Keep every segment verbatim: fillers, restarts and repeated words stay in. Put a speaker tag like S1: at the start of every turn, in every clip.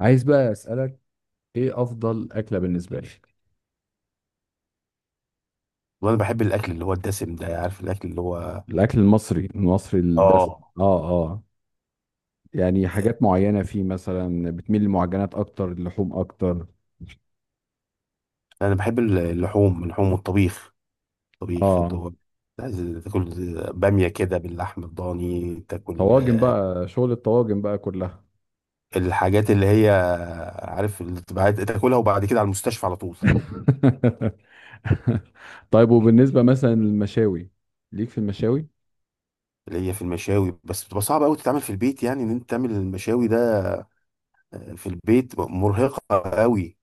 S1: عايز بقى اسالك، ايه افضل اكله بالنسبه لك؟
S2: وانا بحب الاكل اللي هو الدسم ده. عارف الاكل اللي هو،
S1: الاكل المصري المصري الدسم،
S2: اه
S1: اه، اه. يعني حاجات معينه فيه، مثلا بتميل للمعجنات اكتر، اللحوم اكتر؟
S2: انا بحب اللحوم اللحوم والطبيخ. الطبيخ اللي
S1: اه.
S2: هو عايز تاكل باميه كده باللحم الضاني، تاكل
S1: طواجن بقى، شغل الطواجن بقى كلها.
S2: الحاجات اللي هي، عارف، اللي بتبقى تاكلها، وبعد كده على المستشفى على طول.
S1: طيب، وبالنسبه مثلا للمشاوي، ليك في المشاوي؟
S2: اللي هي في المشاوي، بس بتبقى صعبه قوي تتعمل في البيت، يعني ان انت تعمل المشاوي ده في البيت مرهقه قوي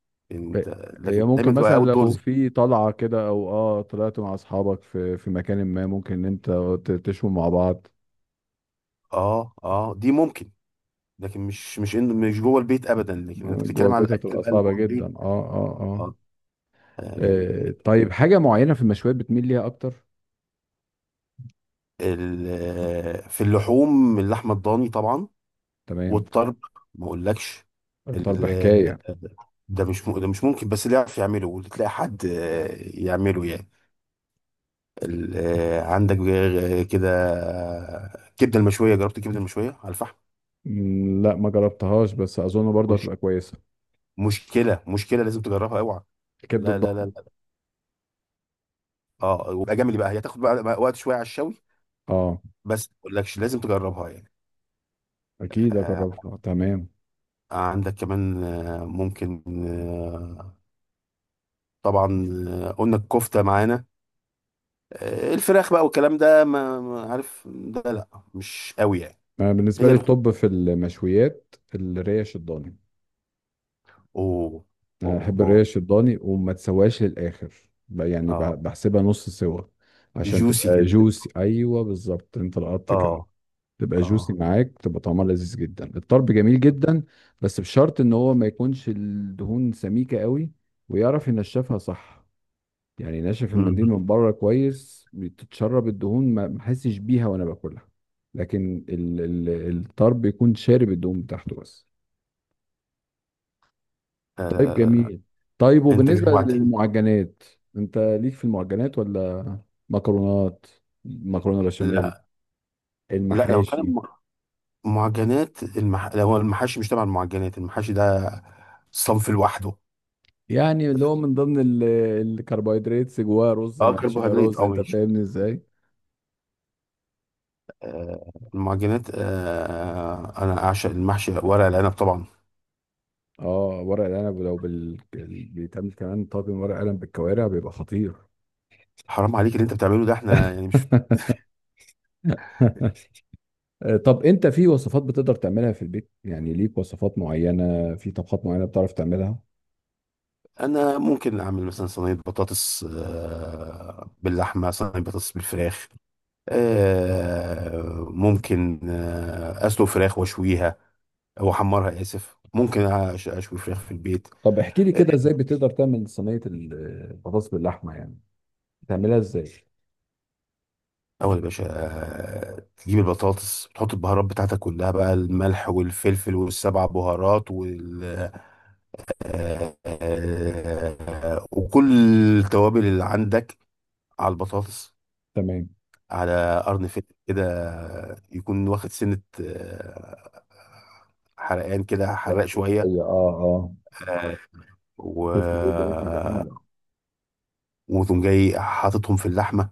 S1: إيه-
S2: انت.
S1: هي
S2: لكن دايما
S1: ممكن
S2: تبقى
S1: مثلا
S2: اوت
S1: لو
S2: دورز.
S1: في طلعه كده او اه طلعت مع اصحابك في في مكان ما، ممكن ان انت ت- تشوي مع بعض.
S2: اه اه، دي ممكن. لكن مش مش إن- مش جوه البيت ابدا، لكن انت
S1: جوه
S2: بتتكلم على
S1: البيت
S2: الاكل
S1: هتبقى
S2: بقى اللي
S1: صعبة
S2: جوه
S1: جدا،
S2: البيت.
S1: اه، اه، اه.
S2: آه،
S1: آه،
S2: يعني،
S1: طيب حاجة معينة في المشويات بتميل ليها أكتر؟
S2: ال- في اللحوم، اللحمه الضاني طبعا.
S1: تمام.
S2: والطرب، ما اقولكش.
S1: الطرب
S2: ال-
S1: حكاية.
S2: ده مش م- ده مش ممكن، بس اللي يعرف يعمله وتلاقي حد، آه، يعمله يعني. ال- آه، عندك غير كده. آه، كبده المشويه، جربت الكبده المشويه على الفحم؟
S1: مم، لا، ما جربتهاش بس أظن برضه
S2: مش
S1: هتبقى كويسة.
S2: مشكله مشكله لازم تجربها، اوعى.
S1: الكبدة
S2: لا لا لا
S1: الضخمة؟
S2: لا. اه، وبقى جميل بقى، هي هتاخد بقى وقت شويه على الشوي.
S1: اه.
S2: بس ما اقولكش لازم تجربها يعني.
S1: أكيد
S2: آه،
S1: أجربها، تمام.
S2: عندك كمان، آه، ممكن آه، طبعا، آه، قلنا الكفتة معانا. آه، الفراخ بقى والكلام ده، ما ما عارف ده، لا، مش قوي يعني.
S1: أنا بالنسبة
S2: هي
S1: لي،
S2: اللحوم.
S1: الطب في المشويات الريش الضاني.
S2: اوه
S1: أنا
S2: اوه
S1: أحب
S2: اوه.
S1: الريش الضاني وما تسواش للآخر. ب- يعني ب-
S2: اه،
S1: بحسبها نص سوا عشان
S2: جوسي
S1: تبقى
S2: كده.
S1: جوسي. أيوه بالظبط، أنت لقطت كده.
S2: اه
S1: تبقى جوسي
S2: اه.
S1: معاك، تبقى طعمها لذيذ جدا، الطرب جميل جدا. بس بشرط ان هو ما يكونش الدهون سميكة قوي، ويعرف ينشفها صح. يعني ناشف
S2: مم.
S1: المنديل من بره كويس، بتتشرب الدهون ما ما احسش بيها وانا باكلها. لكن ال ال الطرب يكون شارب الدهون بتاعته بس.
S2: لا لا
S1: طيب،
S2: لا لا لا.
S1: جميل. طيب
S2: انت
S1: وبالنسبة
S2: جوعتني.
S1: للمعجنات، انت ليك في المعجنات ولا مكرونات، مكرونة بشاميل،
S2: لا لا، لو كان
S1: المحاشي؟
S2: م- معجنات المح... لو هو المحاشي مش تبع المعجنات، المحاشي ده صنف لوحده.
S1: يعني اللي هو من ضمن ال- الكربوهيدرات، جواه رز،
S2: اه،
S1: محشية
S2: كربوهيدرات،
S1: رز،
S2: اه،
S1: انت
S2: ماشي.
S1: فاهمني ازاي.
S2: آه، المعجنات، آه، انا اعشق المحشي ورق العنب طبعا.
S1: اه، ورق العنب لو بال... بال- بيتعمل كمان طاجن ورق عنب بالكوارع بيبقى خطير.
S2: حرام عليك اللي انت بتعمله ده، احنا يعني مش...
S1: آه، طب انت في وصفات بتقدر تعملها في البيت؟ يعني ليك وصفات معينة في طبخات معينة بتعرف تعملها؟
S2: انا ممكن اعمل مثلا صينيه بطاطس، آه، باللحمه، صينيه بطاطس بالفراخ. آه، ممكن آه، اسلق فراخ واشويها، او احمرها. اسف، ممكن أش- اشوي فراخ في البيت.
S1: طب احكي لي
S2: آه،
S1: كده، ازاي بتقدر تعمل صينية ال- البطاطس باللحمة يعني؟ بتعملها ازاي؟
S2: اول يا باشا، آه، تجيب البطاطس، تحط البهارات بتاعتك كلها بقى، الملح والفلفل والسبع بهارات وال آه، آه، وكل التوابل اللي عندك على البطاطس.
S1: تمام.
S2: على قرن فيلم كده، يكون واخد سنة، آه، حرقان كده، حرق
S1: بس
S2: شوية.
S1: هي، اه، اه.
S2: آه، و
S1: فلفل ايه ده، نكهة جميلة.
S2: وتقوم جاي حاططهم في اللحمة،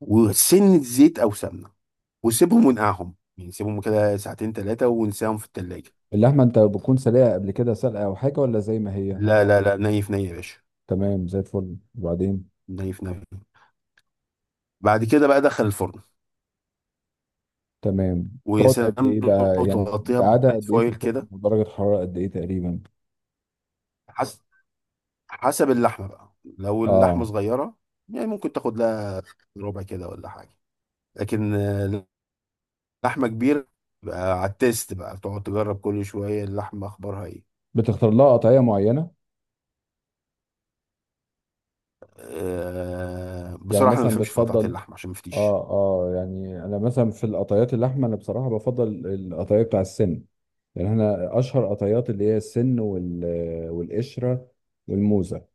S2: وسنة زيت أو سمنة، وسيبهم ونقعهم، يعني سيبهم كده ساعتين ثلاثة، ونسيهم في التلاجة.
S1: اللحمة انت بتكون سلقة قبل كده، سلقة او حاجة ولا زي ما هي؟
S2: لا لا لا، ني في ني يا باشا.
S1: تمام زي الفل. وبعدين؟
S2: ني في ني. بعد كده بقى دخل الفرن.
S1: تمام.
S2: ويا
S1: تقعد قد
S2: سلام
S1: ايه
S2: لو
S1: بقى، يعني
S2: تغطيها
S1: بتقعدها
S2: ببيت
S1: قد ايه في
S2: فويل
S1: الفرن
S2: كده.
S1: ودرجة حرارة قد ايه تقريبا؟
S2: حسب حسب اللحمة بقى، لو اللحمة
S1: اه.
S2: صغيرة يعني، ممكن تاخد لها ربع كده ولا حاجة. لكن آه، لحمة كبيرة بقى، على التيست بقى، تقعد تجرب كل شوية، اللحمة أخبارها إيه.
S1: بتختار لها قطعية معينة؟
S2: أه،
S1: يعني
S2: بصراحة أنا ما
S1: مثلا
S2: بفهمش في قطعة
S1: بتفضل،
S2: اللحمة عشان ما افتيش.
S1: اه اه يعني انا مثلا في القطعيات اللحمة، انا بصراحة بفضل القطعية بتاع السن. يعني احنا اشهر قطعيات اللي هي السن وال والقشرة والموزة.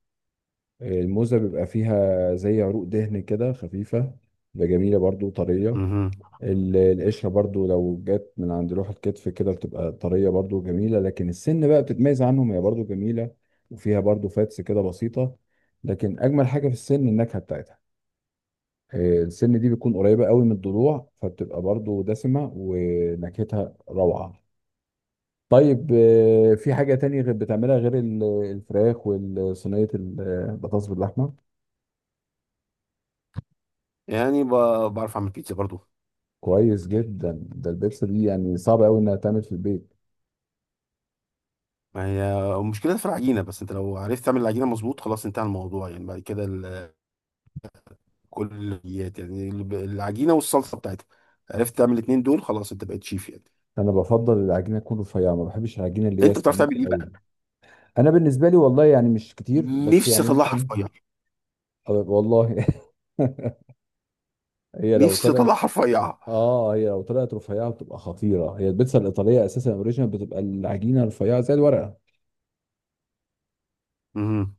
S1: الموزة بيبقى فيها زي عروق دهن كده خفيفة، بتبقى جميلة برضو، طرية.
S2: مهم.
S1: ال- القشرة برضو لو جت من عند لوح الكتف كده بتبقى طرية برضو جميلة، لكن السن بقى بتتميز عنهم، هي برضو جميلة وفيها برضو فاتس كده بسيطة، لكن أجمل حاجة في السن النكهة بتاعتها. آه، السن دي بتكون قريبة قوي من الضلوع فبتبقى برضو دسمة ونكهتها روعة. طيب آه، في حاجة تانية غير بتعملها غير ال- الفراخ وصينية البطاطس باللحمة؟
S2: يعني ب- بعرف أعمل بيتزا برضو.
S1: كويس جدا، ده البيبسي دي يعني صعب قوي انها تعمل في البيت.
S2: ما هي المشكلة في العجينة بس، أنت لو عرفت تعمل العجينة مظبوط، خلاص انتهى الموضوع، يعني بعد كده ال- كل الحلويات، يعني الب- العجينة والصلصة بتاعتها، عرفت تعمل الاتنين دول، خلاص أنت بقيت شيف يعني.
S1: انا بفضل العجينه تكون رفيعه، ما بحبش العجينه اللي هي
S2: أنت بتعرف تعمل
S1: سميكه
S2: إيه
S1: قوي.
S2: بقى؟
S1: انا بالنسبه لي والله يعني مش كتير، بس
S2: نفسي
S1: يعني
S2: اطلعها
S1: يمكن.
S2: رفيع.
S1: أه والله. هي لو
S2: نفسي
S1: طلعت
S2: اطلعها رفيعة.
S1: اه هي لو طلعت رفيعه بتبقى خطيره، هي البيتزا الايطاليه اساسا اوريجينال بتبقى العجينه رفيعه زي الورقه.
S2: امم.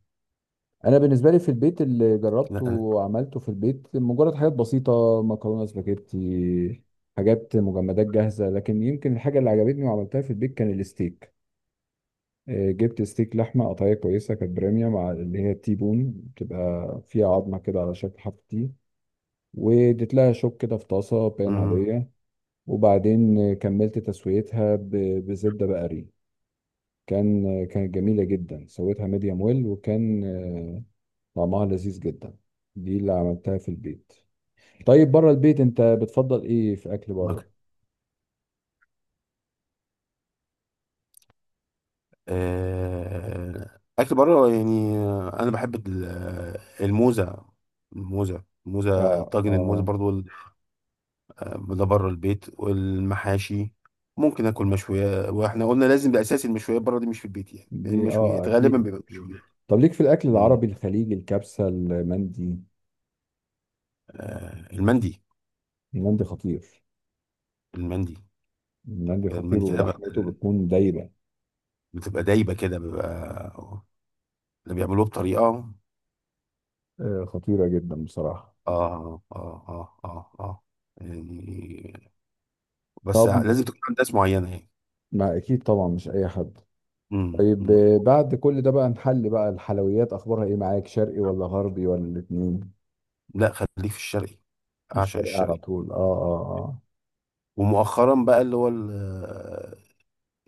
S1: انا بالنسبه لي في البيت، اللي جربته
S2: لا. انا
S1: وعملته في البيت مجرد حاجات بسيطه، مكرونه سباجيتي، حاجات مجمدات جاهزه. لكن يمكن الحاجه اللي عجبتني وعملتها في البيت كان الستيك. آه، جبت ستيك لحمه قطعيه كويسه، كانت بريميوم، مع اللي هي التي بون، بتبقى فيها عظمه كده على شكل حرف تي. واديت لها شوك كده في طاسه بان
S2: امم
S1: عاديه، وبعدين آه، كملت تسويتها ب- بزبده بقري. كان آه، كانت جميله جدا، سويتها ميديوم ويل، وكان آه، طعمها لذيذ جدا. دي اللي عملتها في البيت. طيب بره البيت انت بتفضل ايه في اكل
S2: مك...
S1: بره؟
S2: آه... اكل بره، يعني، آه، انا بحب ال- آه، الموزه. الموزه الموزه
S1: اه،
S2: طاجن الموزه
S1: اه
S2: برضو، ال- آه، ده بره البيت، والمحاشي. ممكن اكل مشويات، واحنا قلنا لازم ده اساس المشويات بره، دي مش في البيت يعني، لأن
S1: دي، اه
S2: المشويات غالبا
S1: اكيد.
S2: بيبقى مشويات.
S1: طب ليك في الاكل
S2: امم.
S1: العربي الخليجي، الكبسه، المندي؟
S2: آه... المندي.
S1: المندي خطير.
S2: المندي
S1: المندي
S2: كده
S1: خطير
S2: المندي كده بقى.
S1: ولحمته بتكون دايبة.
S2: بتبقى دايبه كده، بيبقى اللي بيعملوه بطريقه،
S1: آه، خطيرة جدا بصراحة.
S2: اه اه اه اه اه، يعني، بس
S1: طب
S2: لازم تكون عند ناس معينة يعني.
S1: ما أكيد طبعا، مش أي حد.
S2: امم
S1: طيب
S2: أمم.
S1: آه، بعد كل ده بقى، نحل بقى الحلويات، أخبارها إيه معاك؟ شرقي ولا غربي ولا الاتنين؟
S2: لا، خليك في الشرقي. اعشق
S1: الشرقي على
S2: الشرقي.
S1: طول، آه، آه. آه،
S2: ومؤخرا بقى اللي هو ال- آه،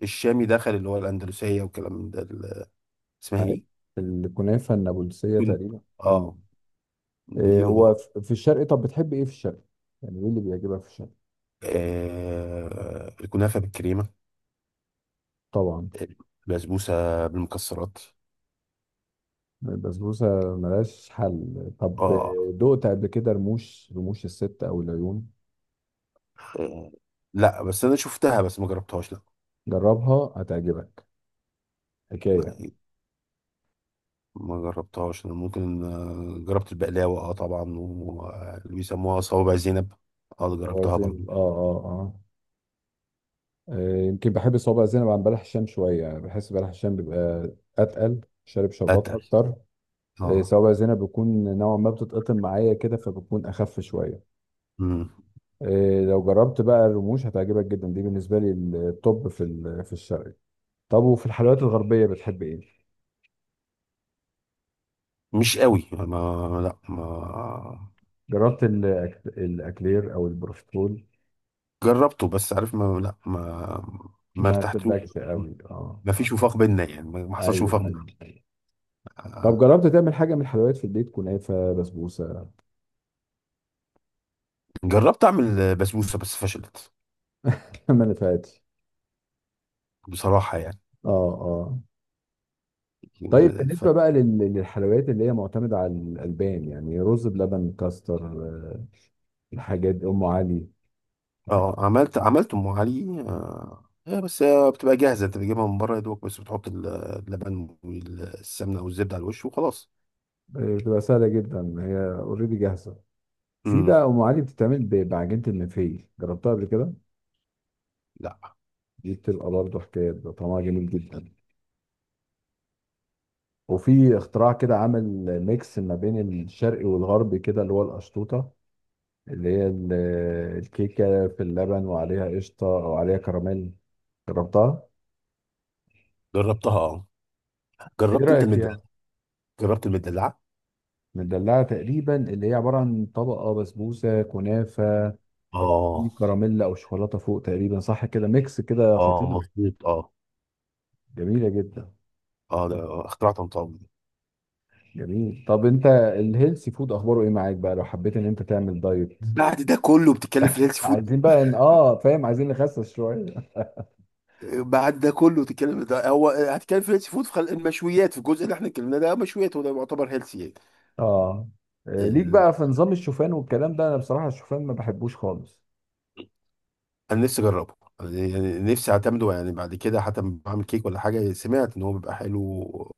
S2: الشامي، دخل اللي هو الاندلسية، وكلام من ده، ال- اسمها
S1: عارف،
S2: ايه؟
S1: الكنافة النابلسية
S2: كن-
S1: تقريبا، آه.
S2: اه.
S1: إيه
S2: دي
S1: هو
S2: مؤ-
S1: ف- في الشرقي؟ طب بتحب إيه في الشرقي؟ يعني إيه اللي بيعجبك في الشرقي؟
S2: آه، الكنافة بالكريمة،
S1: طبعا.
S2: البسبوسة بالمكسرات.
S1: البسبوسة ملهاش حل. طب
S2: اه.
S1: آه، دقت قبل كده رموش، رموش الست أو العيون؟
S2: آه، لا بس انا شفتها بس ما جربتهاش.
S1: جربها هتعجبك، حكايه.
S2: لا، ما جربتهاش. انا ممكن، آه، جربت البقلاوه، اه طبعا، وبيسموها صوابع زينب. اه
S1: صوابع
S2: جربتها برضو.
S1: زينب، اه، اه، اه. آه، يمكن بحب صوابع زينب عن بلح الشام شويه، بحس بلح الشام بيبقى اتقل، شارب شربات
S2: اتقل.
S1: اكتر. آه،
S2: اه.
S1: صوابع زينب بيكون نوعا ما بتتقطم معايا كده، فبتكون اخف شويه.
S2: مم.
S1: آه، لو جربت بقى الرموش هتعجبك جدا، دي بالنسبه لي التوب في ال- في الشرقي. طب وفي الحلويات الغربيه بتحب ايه؟
S2: مش قوي، ما، لا، ما،
S1: جربت الأك- الاكلير او البروفيترول؟
S2: جربته بس عارف، ما، لا، ما ما
S1: ما
S2: ارتحتلوش.
S1: شدكش قوي، اه.
S2: ما فيش وفاق بينا يعني، ما ما حصلش
S1: ايوه.
S2: وفاق بينا.
S1: طب
S2: آه.
S1: جربت تعمل حاجة من الحلويات في البيت؟ كنافة، بسبوسة؟
S2: جربت اعمل بسبوسه بس فشلت.
S1: منفعتش.
S2: بصراحه يعني.
S1: اه، اه. طيب
S2: ف...
S1: بالنسبة بقى لل- للحلويات اللي هي معتمدة على الألبان، يعني رز بلبن، كاستر آه، الحاجات دي، أم علي.
S2: اه، عملت عملت ام علي. آه، إيه بس، آه، بتبقى جاهزة، انت بتجيبها من بره يا دوبك، بس بتحط ال- اللبن والسمنة او الزبدة على الوش وخلاص.
S1: آه، بتبقى سهلة جدا، هي اوريدي جاهزة. في
S2: امم.
S1: بقى أم علي بتتعمل ب- بعجينة المنفيل، جربتها قبل كده؟
S2: لا.
S1: دي بتبقى برضه حكاية، بيبقى طعمها جميل جدا. وفي اختراع كده عمل ميكس ما بين الشرقي والغربي كده، اللي هو القشطوطة، اللي هي ال- الكيكة في اللبن وعليها قشطة أو عليها كراميل. جربتها؟
S2: جربتها اه.
S1: إيه
S2: جربت انت
S1: رأيك
S2: المدلعة.
S1: فيها؟
S2: جربت المدلعة.
S1: مدلعة تقريبا اللي هي عبارة عن طبقة بسبوسة كنافة، في
S2: اه.
S1: كراميل أو شوكولاتة فوق، تقريبا صح كده، ميكس كده
S2: اه
S1: خطير.
S2: مظبوط اه.
S1: جميلة جدا.
S2: اه، ده اختراع طنطاوي.
S1: جميل. طب أنت الهيلثي فود أخباره إيه معاك بقى، لو حبيت إن أنت تعمل دايت؟
S2: بعد ده كله بتتكلم في الهيلث فود؟
S1: عايزين بقى إن- آه فاهم، عايزين نخسس شوية.
S2: آه، بعد ده كله بتتكلم، ده هو هتتكلم في الهيلث فود، في خل- المشويات في الجزء اللي احنا اتكلمنا ده، مشويات، وده يعتبر هيلثي.
S1: آه، آه، ليك
S2: يعني
S1: بقى في نظام الشوفان والكلام ده؟ أنا بصراحة الشوفان ما بحبوش خالص.
S2: انا نفسي اجربه. أنا يعني نفسي اعتمده، يعني بعد كده حتى لما بعمل كيك ولا حاجه، سمعت ان هو بيبقى حلو،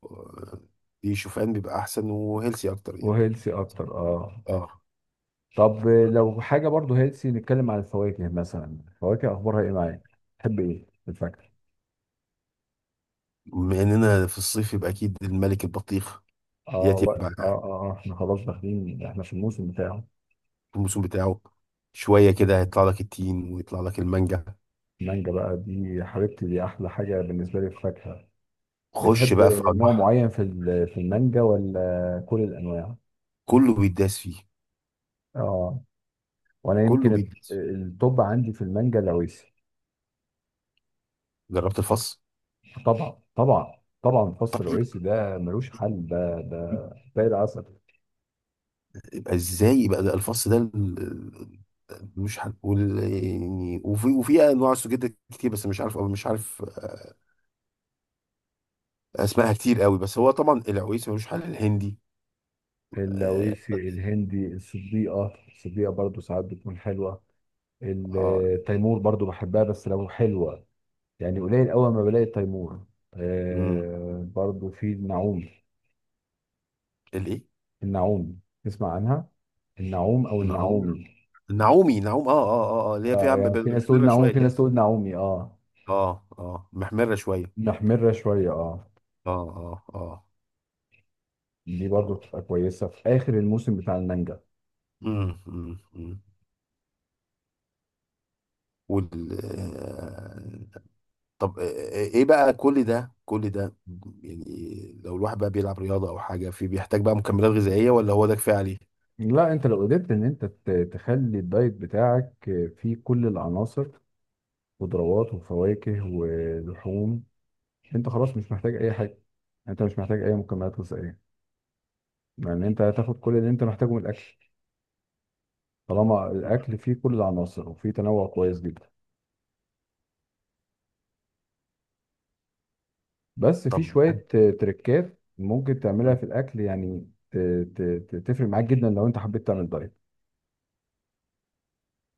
S2: آه، دي شوفان بيبقى احسن وهيلسي اكتر يعني.
S1: وهيلثي أكتر، آه.
S2: اه.
S1: طب لو حاجة برضو هيلسي، نتكلم عن الفواكه مثلا، الفواكه أخبارها إيه معاك؟ تحب إيه في الفاكهة؟
S2: بما اننا في الصيف، يبقى اكيد الملك البطيخ.
S1: آه,
S2: ياتي
S1: و... آه,
S2: بقى
S1: آه آه، إحنا خلاص داخلين إحنا في الموسم بتاعه.
S2: في الموسم بتاعه. شويه كده هيطلع لك التين، ويطلع لك المانجا.
S1: المانجا بقى دي حبيبتي، دي أحلى حاجة بالنسبة لي في الفاكهة.
S2: خش
S1: بتحب
S2: بقى في
S1: نوع
S2: انواع.
S1: معين في ال- في المانجا ولا كل الأنواع؟
S2: كله بيداس فيه.
S1: آه، وأنا
S2: كله
S1: يمكن الت-
S2: بيداس فيه.
S1: التوب عندي في المانجا العويسي.
S2: جربت الفص.
S1: طبعا طبعا طبعا، فص العويسي ده ملوش حل، ده ده زي العسل.
S2: يبقى ازاي، يبقى ده الفص ده، ال- ال- مش هنقول يعني. وفي وفي انواع سجاد كتير، بس مش عارف، او مش عارف آه، اسمائها كتير قوي، بس هو طبعا العويس ملوش حل الهندي. اه،
S1: اللويسي، الهندي، الصديقة الصديقة برضو ساعات بتكون حلوة.
S2: آه.
S1: التيمور برضو بحبها بس لو حلوة، يعني قليل أول ما بلاقي التيمور.
S2: مم.
S1: آه، برضو في النعومي.
S2: الايه؟
S1: النعومي، تسمع عنها؟ النعوم أو
S2: المعوم.
S1: النعومي.
S2: النعومي، نعوم. اه اه اه، آه، اللي هي
S1: آه،
S2: فيها ب-
S1: يعني في
S2: ب-
S1: ناس تقول
S2: محمره
S1: نعوم
S2: شويه
S1: في
S2: كده.
S1: ناس تقول نعومي، اه.
S2: اه اه، محمره شويه.
S1: محمرة شوية، اه.
S2: اه اه اه.
S1: دي برضو
S2: اه.
S1: بتبقى كويسة في آخر الموسم بتاع المانجا.
S2: مم، مم، مم. وال آه، طب ايه بقى، كل ده كل ده يعني، لو الواحد بقى بيلعب رياضة او حاجة، في بيحتاج بقى مكملات غذائية، ولا هو ده كفاية عليه؟
S1: لا، انت لو قدرت ان انت ت- تخلي الدايت بتاعك فيه كل العناصر، خضروات وفواكه ولحوم، انت خلاص مش محتاج اي حاجه، انت مش محتاج اي مكملات غذائيه. يعني انت هتاخد كل اللي انت محتاجه من الاكل، طالما الاكل فيه كل العناصر وفيه تنوع كويس جدا. بس في
S2: طب
S1: شويه آه، تريكات ممكن تعملها في الاكل يعني ت- ت- ت- تفرق معاك جدا لو انت حبيت تعمل دايت.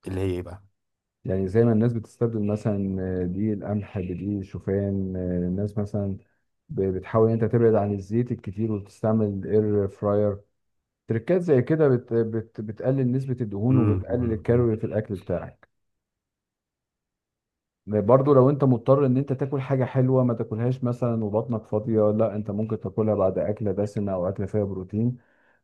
S2: اللي هي ايه بقى؟
S1: يعني زي ما الناس بتستبدل مثلا آه، دي القمح بدي شوفان. آه، الناس مثلا ب- بتحاول ان انت تبعد عن الزيت الكتير وتستعمل الاير فراير. تريكات زي كده بت... بت... بتقلل نسبة الدهون
S2: مم.
S1: وبتقلل
S2: مم.
S1: الكالوري في الأكل بتاعك. برضو لو انت مضطر ان انت تاكل حاجة حلوة، ما تاكلهاش مثلا وبطنك فاضية، لا انت ممكن تاكلها بعد أكلة دسمة أو أكلة فيها بروتين،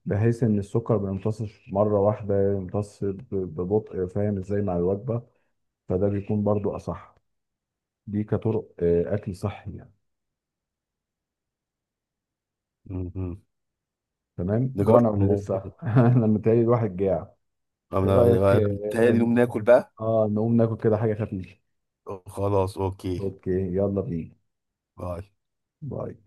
S1: بحيث ان السكر ما يمتصش مرة واحدة، يمتص ب- ببطء، فاهم ازاي، مع الوجبة. فده بيكون برضو أصح. دي كطرق آه، أكل صحي يعني.
S2: مم.
S1: تمام،
S2: نجرب
S1: جوعنا ولا
S2: الموضوع
S1: لسه؟
S2: ده.
S1: أنا متهيألي الواحد جاع. ايه
S2: انا أنا-
S1: رأيك؟
S2: أنا متهيألي
S1: اه.
S2: نقوم ناكل بقى.
S1: آه، نقوم ناكل كده حاجة خفيفة.
S2: خلاص اوكي.
S1: اوكي، يلا بينا.
S2: باي.
S1: باي.